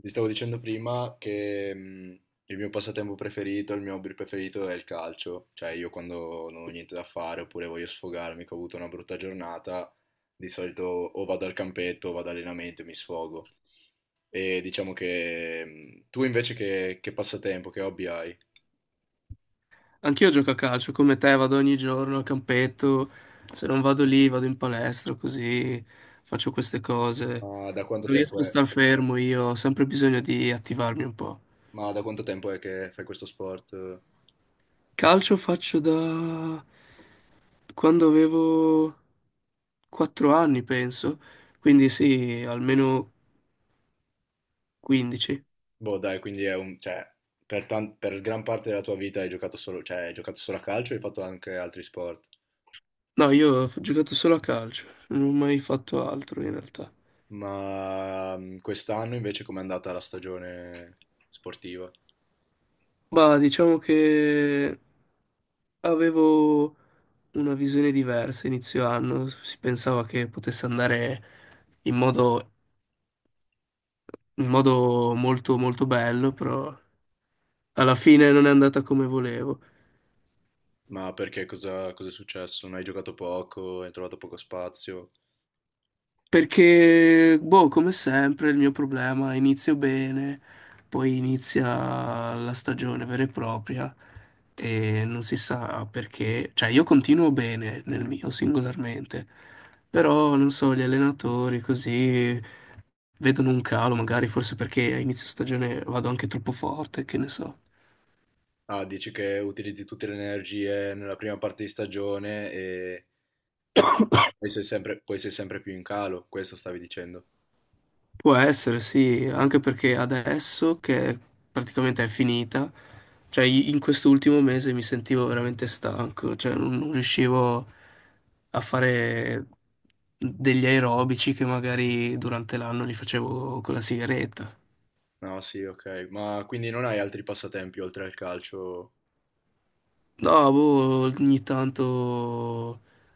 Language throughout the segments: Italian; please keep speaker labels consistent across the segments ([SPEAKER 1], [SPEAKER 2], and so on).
[SPEAKER 1] Ti stavo dicendo prima che il mio passatempo preferito, il mio hobby preferito è il calcio, cioè io quando non ho niente da fare oppure voglio sfogarmi, che ho avuto una brutta giornata, di solito o vado al campetto o vado all'allenamento e mi sfogo. E diciamo che tu invece che passatempo, che hobby hai?
[SPEAKER 2] Anch'io gioco a calcio come te, vado ogni giorno al campetto, se non vado lì vado in palestra, così faccio queste cose.
[SPEAKER 1] Ma da quanto
[SPEAKER 2] Non
[SPEAKER 1] tempo
[SPEAKER 2] riesco a
[SPEAKER 1] è?
[SPEAKER 2] star fermo, io ho sempre bisogno di attivarmi un po'.
[SPEAKER 1] Ma da quanto tempo è che fai questo sport?
[SPEAKER 2] Calcio faccio da quando avevo 4 anni, penso, quindi sì, almeno 15.
[SPEAKER 1] Boh, dai, quindi è un, cioè, per gran parte della tua vita hai giocato solo, cioè, hai giocato solo a calcio e hai fatto anche altri sport.
[SPEAKER 2] No, io ho giocato solo a calcio, non ho mai fatto altro in realtà.
[SPEAKER 1] Ma quest'anno invece com'è andata la stagione sportiva?
[SPEAKER 2] Ma diciamo che avevo una visione diversa inizio anno, si pensava che potesse andare in modo, in modo molto molto bello, però alla fine non è andata come volevo.
[SPEAKER 1] Ma perché cosa è successo? Non hai giocato poco, hai trovato poco spazio?
[SPEAKER 2] Perché, boh, come sempre, il mio problema, inizio bene, poi inizia la stagione vera e propria e non si sa perché. Cioè, io continuo bene nel mio singolarmente, però, non so, gli allenatori così vedono un calo, magari forse perché a inizio stagione vado anche troppo forte, che ne so.
[SPEAKER 1] Ah, dici che utilizzi tutte le energie nella prima parte di stagione e poi sei sempre più in calo, questo stavi dicendo.
[SPEAKER 2] Può essere, sì, anche perché adesso che praticamente è finita, cioè in quest'ultimo mese mi sentivo veramente stanco, cioè non riuscivo a fare degli aerobici che magari durante l'anno li facevo con la sigaretta.
[SPEAKER 1] No, sì, ok. Ma quindi non hai altri passatempi oltre al calcio?
[SPEAKER 2] No, boh,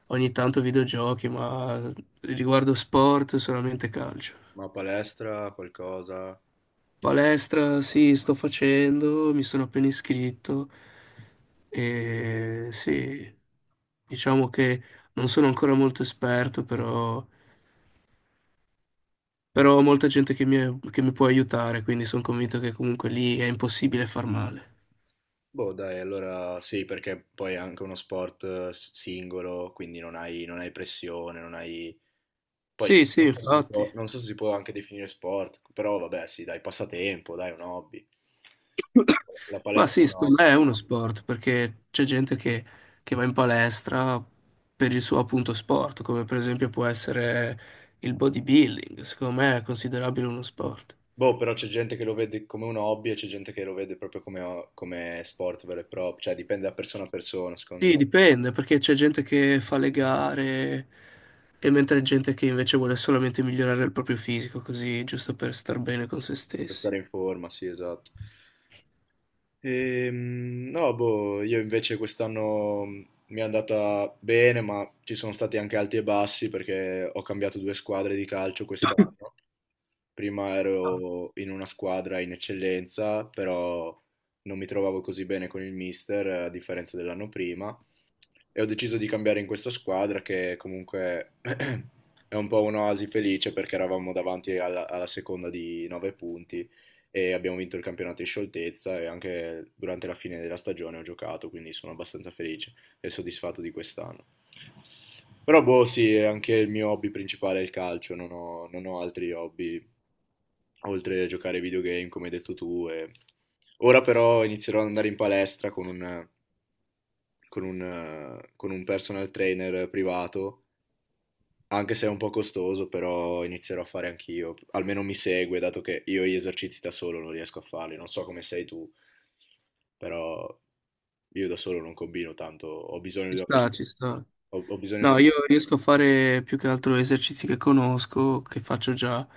[SPEAKER 2] ogni tanto videogiochi, ma riguardo sport solamente calcio.
[SPEAKER 1] Ma palestra, qualcosa?
[SPEAKER 2] Palestra, sì, sto facendo, mi sono appena iscritto e sì, diciamo che non sono ancora molto esperto, però, però ho molta gente che mi può aiutare, quindi sono convinto che comunque lì è impossibile far male.
[SPEAKER 1] Boh, dai, allora sì, perché poi è anche uno sport singolo, quindi non hai pressione, non hai. Poi
[SPEAKER 2] Sì, sì,
[SPEAKER 1] non so se si
[SPEAKER 2] infatti.
[SPEAKER 1] può, non so se si può anche definire sport, però vabbè, sì, dai, passatempo, dai, un hobby. La
[SPEAKER 2] Ma
[SPEAKER 1] palestra è
[SPEAKER 2] sì,
[SPEAKER 1] un
[SPEAKER 2] secondo me
[SPEAKER 1] hobby.
[SPEAKER 2] è uno sport, perché c'è gente che va in palestra per il suo appunto sport, come per esempio può essere il bodybuilding, secondo me è considerabile uno sport.
[SPEAKER 1] Boh, però c'è gente che lo vede come un hobby e c'è gente che lo vede proprio come sport vero e proprio, cioè dipende da persona a persona, secondo me,
[SPEAKER 2] Sì, dipende, perché c'è gente che fa le gare e mentre gente che invece vuole solamente migliorare il proprio fisico, così giusto per star bene con se
[SPEAKER 1] per
[SPEAKER 2] stessi.
[SPEAKER 1] stare in forma, sì, esatto. No, boh, io invece quest'anno mi è andata bene, ma ci sono stati anche alti e bassi perché ho cambiato due squadre di calcio quest'anno. Prima ero in una squadra in eccellenza, però non mi trovavo così bene con il mister, a differenza dell'anno prima, e ho deciso di cambiare in questa squadra che comunque è un po' un'oasi felice perché eravamo davanti alla seconda di 9 punti e abbiamo vinto il campionato in scioltezza e anche durante la fine della stagione ho giocato, quindi sono abbastanza felice e soddisfatto di quest'anno. Però boh, sì, anche il mio hobby principale è il calcio, non ho altri hobby oltre a giocare ai videogame, come hai detto tu. Ora però inizierò ad andare in palestra con un personal trainer privato, anche se è un po' costoso, però inizierò a fare anch'io. Almeno mi segue, dato che io gli esercizi da solo non riesco a farli. Non so come sei tu, però io da solo non combino tanto. Ho bisogno di
[SPEAKER 2] Ci
[SPEAKER 1] una
[SPEAKER 2] sta,
[SPEAKER 1] persona.
[SPEAKER 2] ci sta.
[SPEAKER 1] Ho, ho bisogno
[SPEAKER 2] No,
[SPEAKER 1] di
[SPEAKER 2] io riesco a fare più che altro esercizi che conosco, che faccio già.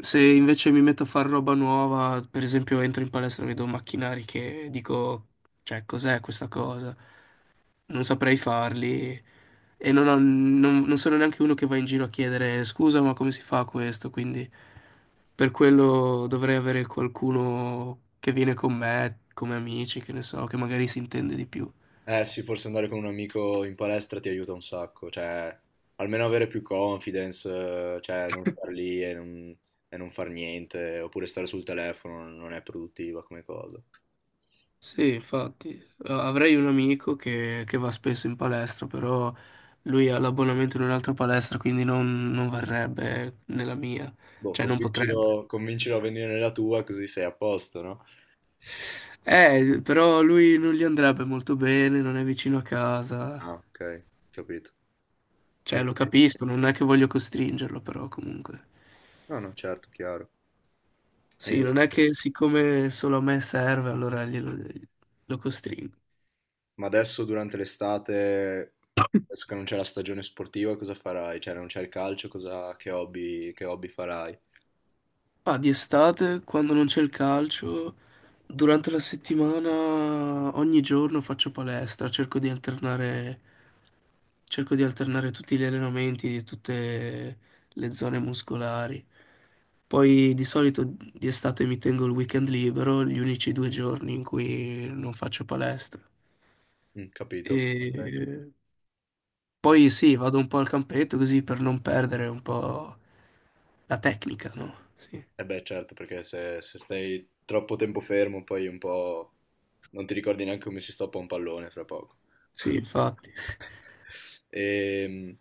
[SPEAKER 2] Se invece mi metto a fare roba nuova, per esempio entro in palestra e vedo macchinari che dico, cioè, cos'è questa cosa? Non saprei farli. E non, non sono neanche uno che va in giro a chiedere scusa, ma come si fa questo? Quindi... Per quello dovrei avere qualcuno che viene con me, come amici, che ne so, che magari si intende di più.
[SPEAKER 1] Eh sì, forse andare con un amico in palestra ti aiuta un sacco, cioè almeno avere più confidence, cioè non star lì e non far niente, oppure stare sul telefono non è produttiva come cosa.
[SPEAKER 2] Sì, infatti, avrei un amico che va spesso in palestra, però lui ha l'abbonamento in un'altra palestra, quindi non, non varrebbe nella mia,
[SPEAKER 1] Boh,
[SPEAKER 2] cioè non potrebbe.
[SPEAKER 1] convincilo a venire nella tua così sei a posto, no?
[SPEAKER 2] Però lui non gli andrebbe molto bene, non è vicino a casa,
[SPEAKER 1] Ah, ok, capito.
[SPEAKER 2] cioè
[SPEAKER 1] E-
[SPEAKER 2] lo capisco, non è che voglio costringerlo, però comunque.
[SPEAKER 1] No, no, certo, chiaro.
[SPEAKER 2] Sì, non è
[SPEAKER 1] E-
[SPEAKER 2] che siccome solo a me serve, allora glielo, lo costringo.
[SPEAKER 1] Ma adesso durante l'estate, adesso che non c'è la stagione sportiva, cosa farai? Cioè non c'è il calcio, che hobby farai?
[SPEAKER 2] Ma di estate, quando non c'è il calcio, durante la settimana, ogni giorno faccio palestra, cerco di alternare tutti gli allenamenti di tutte le zone muscolari. Poi di solito di estate mi tengo il weekend libero, gli unici due giorni in cui non faccio palestra.
[SPEAKER 1] Mm, capito, ok.
[SPEAKER 2] E poi sì, vado un po' al campetto così per non perdere un po' la tecnica, no? Sì,
[SPEAKER 1] Eh beh, certo, perché se stai troppo tempo fermo, poi un po' non ti ricordi neanche come si stoppa un pallone fra poco.
[SPEAKER 2] sì, infatti.
[SPEAKER 1] Ehm,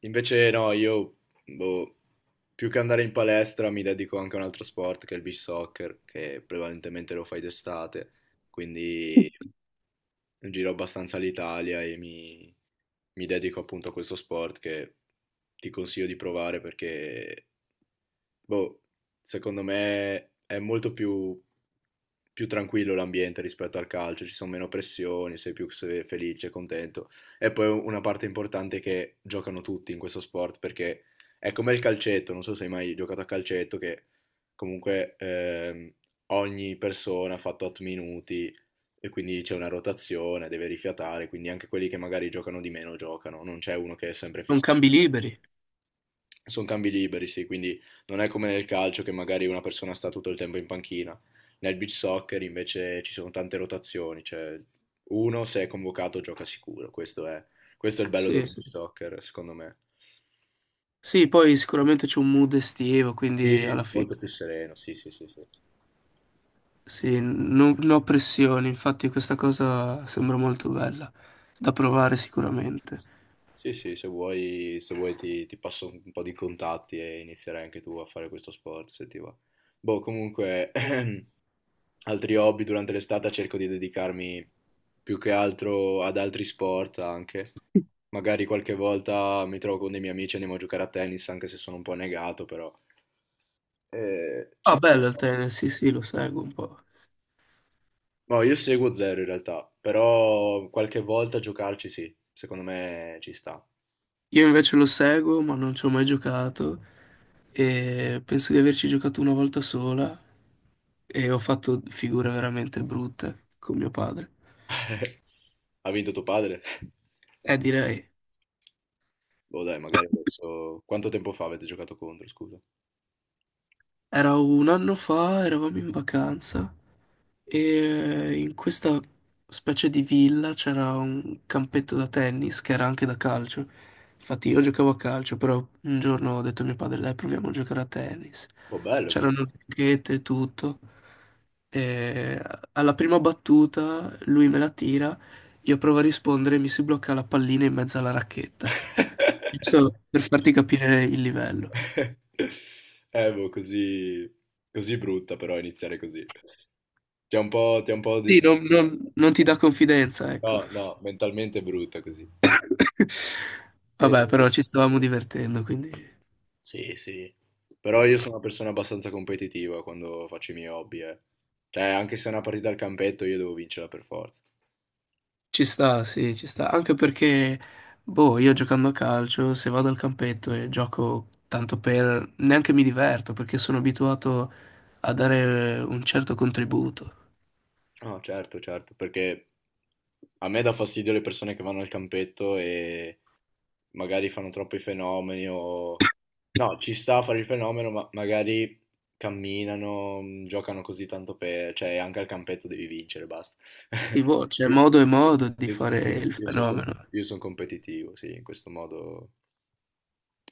[SPEAKER 1] invece no, io boh, più che andare in palestra mi dedico anche a un altro sport che è il beach soccer, che prevalentemente lo fai d'estate, quindi giro abbastanza l'Italia e mi dedico appunto a questo sport che ti consiglio di provare perché, boh, secondo me è molto più più tranquillo l'ambiente rispetto al calcio, ci sono meno pressioni, sei più felice, contento. E poi una parte importante è che giocano tutti in questo sport perché è come il calcetto, non so se hai mai giocato a calcetto, che comunque ogni persona ha fatto 8 minuti e quindi c'è una rotazione, deve rifiatare, quindi anche quelli che magari giocano di meno giocano, non c'è uno che è sempre
[SPEAKER 2] Non
[SPEAKER 1] fisso.
[SPEAKER 2] cambi liberi.
[SPEAKER 1] Sono cambi liberi, sì, quindi non è come nel calcio che magari una persona sta tutto il tempo in panchina. Nel beach soccer invece ci sono tante rotazioni, cioè uno se è convocato gioca sicuro, questo è il bello del
[SPEAKER 2] Sì,
[SPEAKER 1] beach
[SPEAKER 2] sì.
[SPEAKER 1] soccer, secondo me.
[SPEAKER 2] Sì, poi sicuramente c'è un mood estivo, quindi alla
[SPEAKER 1] Sì,
[SPEAKER 2] fine
[SPEAKER 1] molto più sereno, sì, sì, sì, sì.
[SPEAKER 2] sì, non non ho pressioni, infatti questa cosa sembra molto bella da provare sicuramente.
[SPEAKER 1] Sì, sì, se vuoi ti passo un po' di contatti e inizierai anche tu a fare questo sport, se ti va. Boh, comunque, altri hobby durante l'estate cerco di dedicarmi più che altro ad altri sport anche. Magari qualche volta mi trovo con dei miei amici e andiamo a giocare a tennis, anche se sono un po' negato, però.
[SPEAKER 2] Ah,
[SPEAKER 1] Ci...
[SPEAKER 2] bello il tennis, sì, sì, lo seguo un po'.
[SPEAKER 1] No, io seguo zero in realtà, però qualche volta giocarci sì, secondo me ci sta.
[SPEAKER 2] Io invece lo seguo, ma non ci ho mai giocato e penso di averci giocato una volta sola e ho fatto figure veramente brutte con mio padre.
[SPEAKER 1] Ha vinto tuo padre?
[SPEAKER 2] Direi.
[SPEAKER 1] Boh, dai, magari adesso... Quanto tempo fa avete giocato contro, scusa?
[SPEAKER 2] Era un anno fa, eravamo in vacanza e in questa specie di villa c'era un campetto da tennis che era anche da calcio. Infatti io giocavo a calcio, però un giorno ho detto a mio padre, dai, proviamo a giocare a tennis.
[SPEAKER 1] Boh, bello. Quindi.
[SPEAKER 2] C'erano le racchette e tutto. E alla prima battuta lui me la tira, io provo a rispondere e mi si blocca la pallina in mezzo alla racchetta. Giusto per farti capire il livello.
[SPEAKER 1] Boh, così... Così brutta però iniziare così. Ti ha un po'
[SPEAKER 2] Sì,
[SPEAKER 1] distratto.
[SPEAKER 2] non ti dà confidenza, ecco.
[SPEAKER 1] No, no, mentalmente è brutta così.
[SPEAKER 2] Vabbè,
[SPEAKER 1] E-
[SPEAKER 2] però ci stavamo divertendo, quindi
[SPEAKER 1] Sì, sì, però io sono una persona abbastanza competitiva quando faccio i miei hobby, eh. Cioè, anche se è una partita al campetto, io devo vincerla per forza.
[SPEAKER 2] ci sta, sì, ci sta. Anche perché, boh, io giocando a calcio, se vado al campetto e gioco tanto per... neanche mi diverto, perché sono abituato a dare un certo contributo.
[SPEAKER 1] No, certo, certo, perché a me dà fastidio le persone che vanno al campetto e magari fanno troppi fenomeni o... No, ci sta a fare il fenomeno, ma magari camminano, giocano così tanto per... Cioè, anche al campetto devi vincere, basta.
[SPEAKER 2] E boh, c'è modo e modo di
[SPEAKER 1] Io,
[SPEAKER 2] fare il fenomeno.
[SPEAKER 1] io sono competitivo, sì, in questo modo.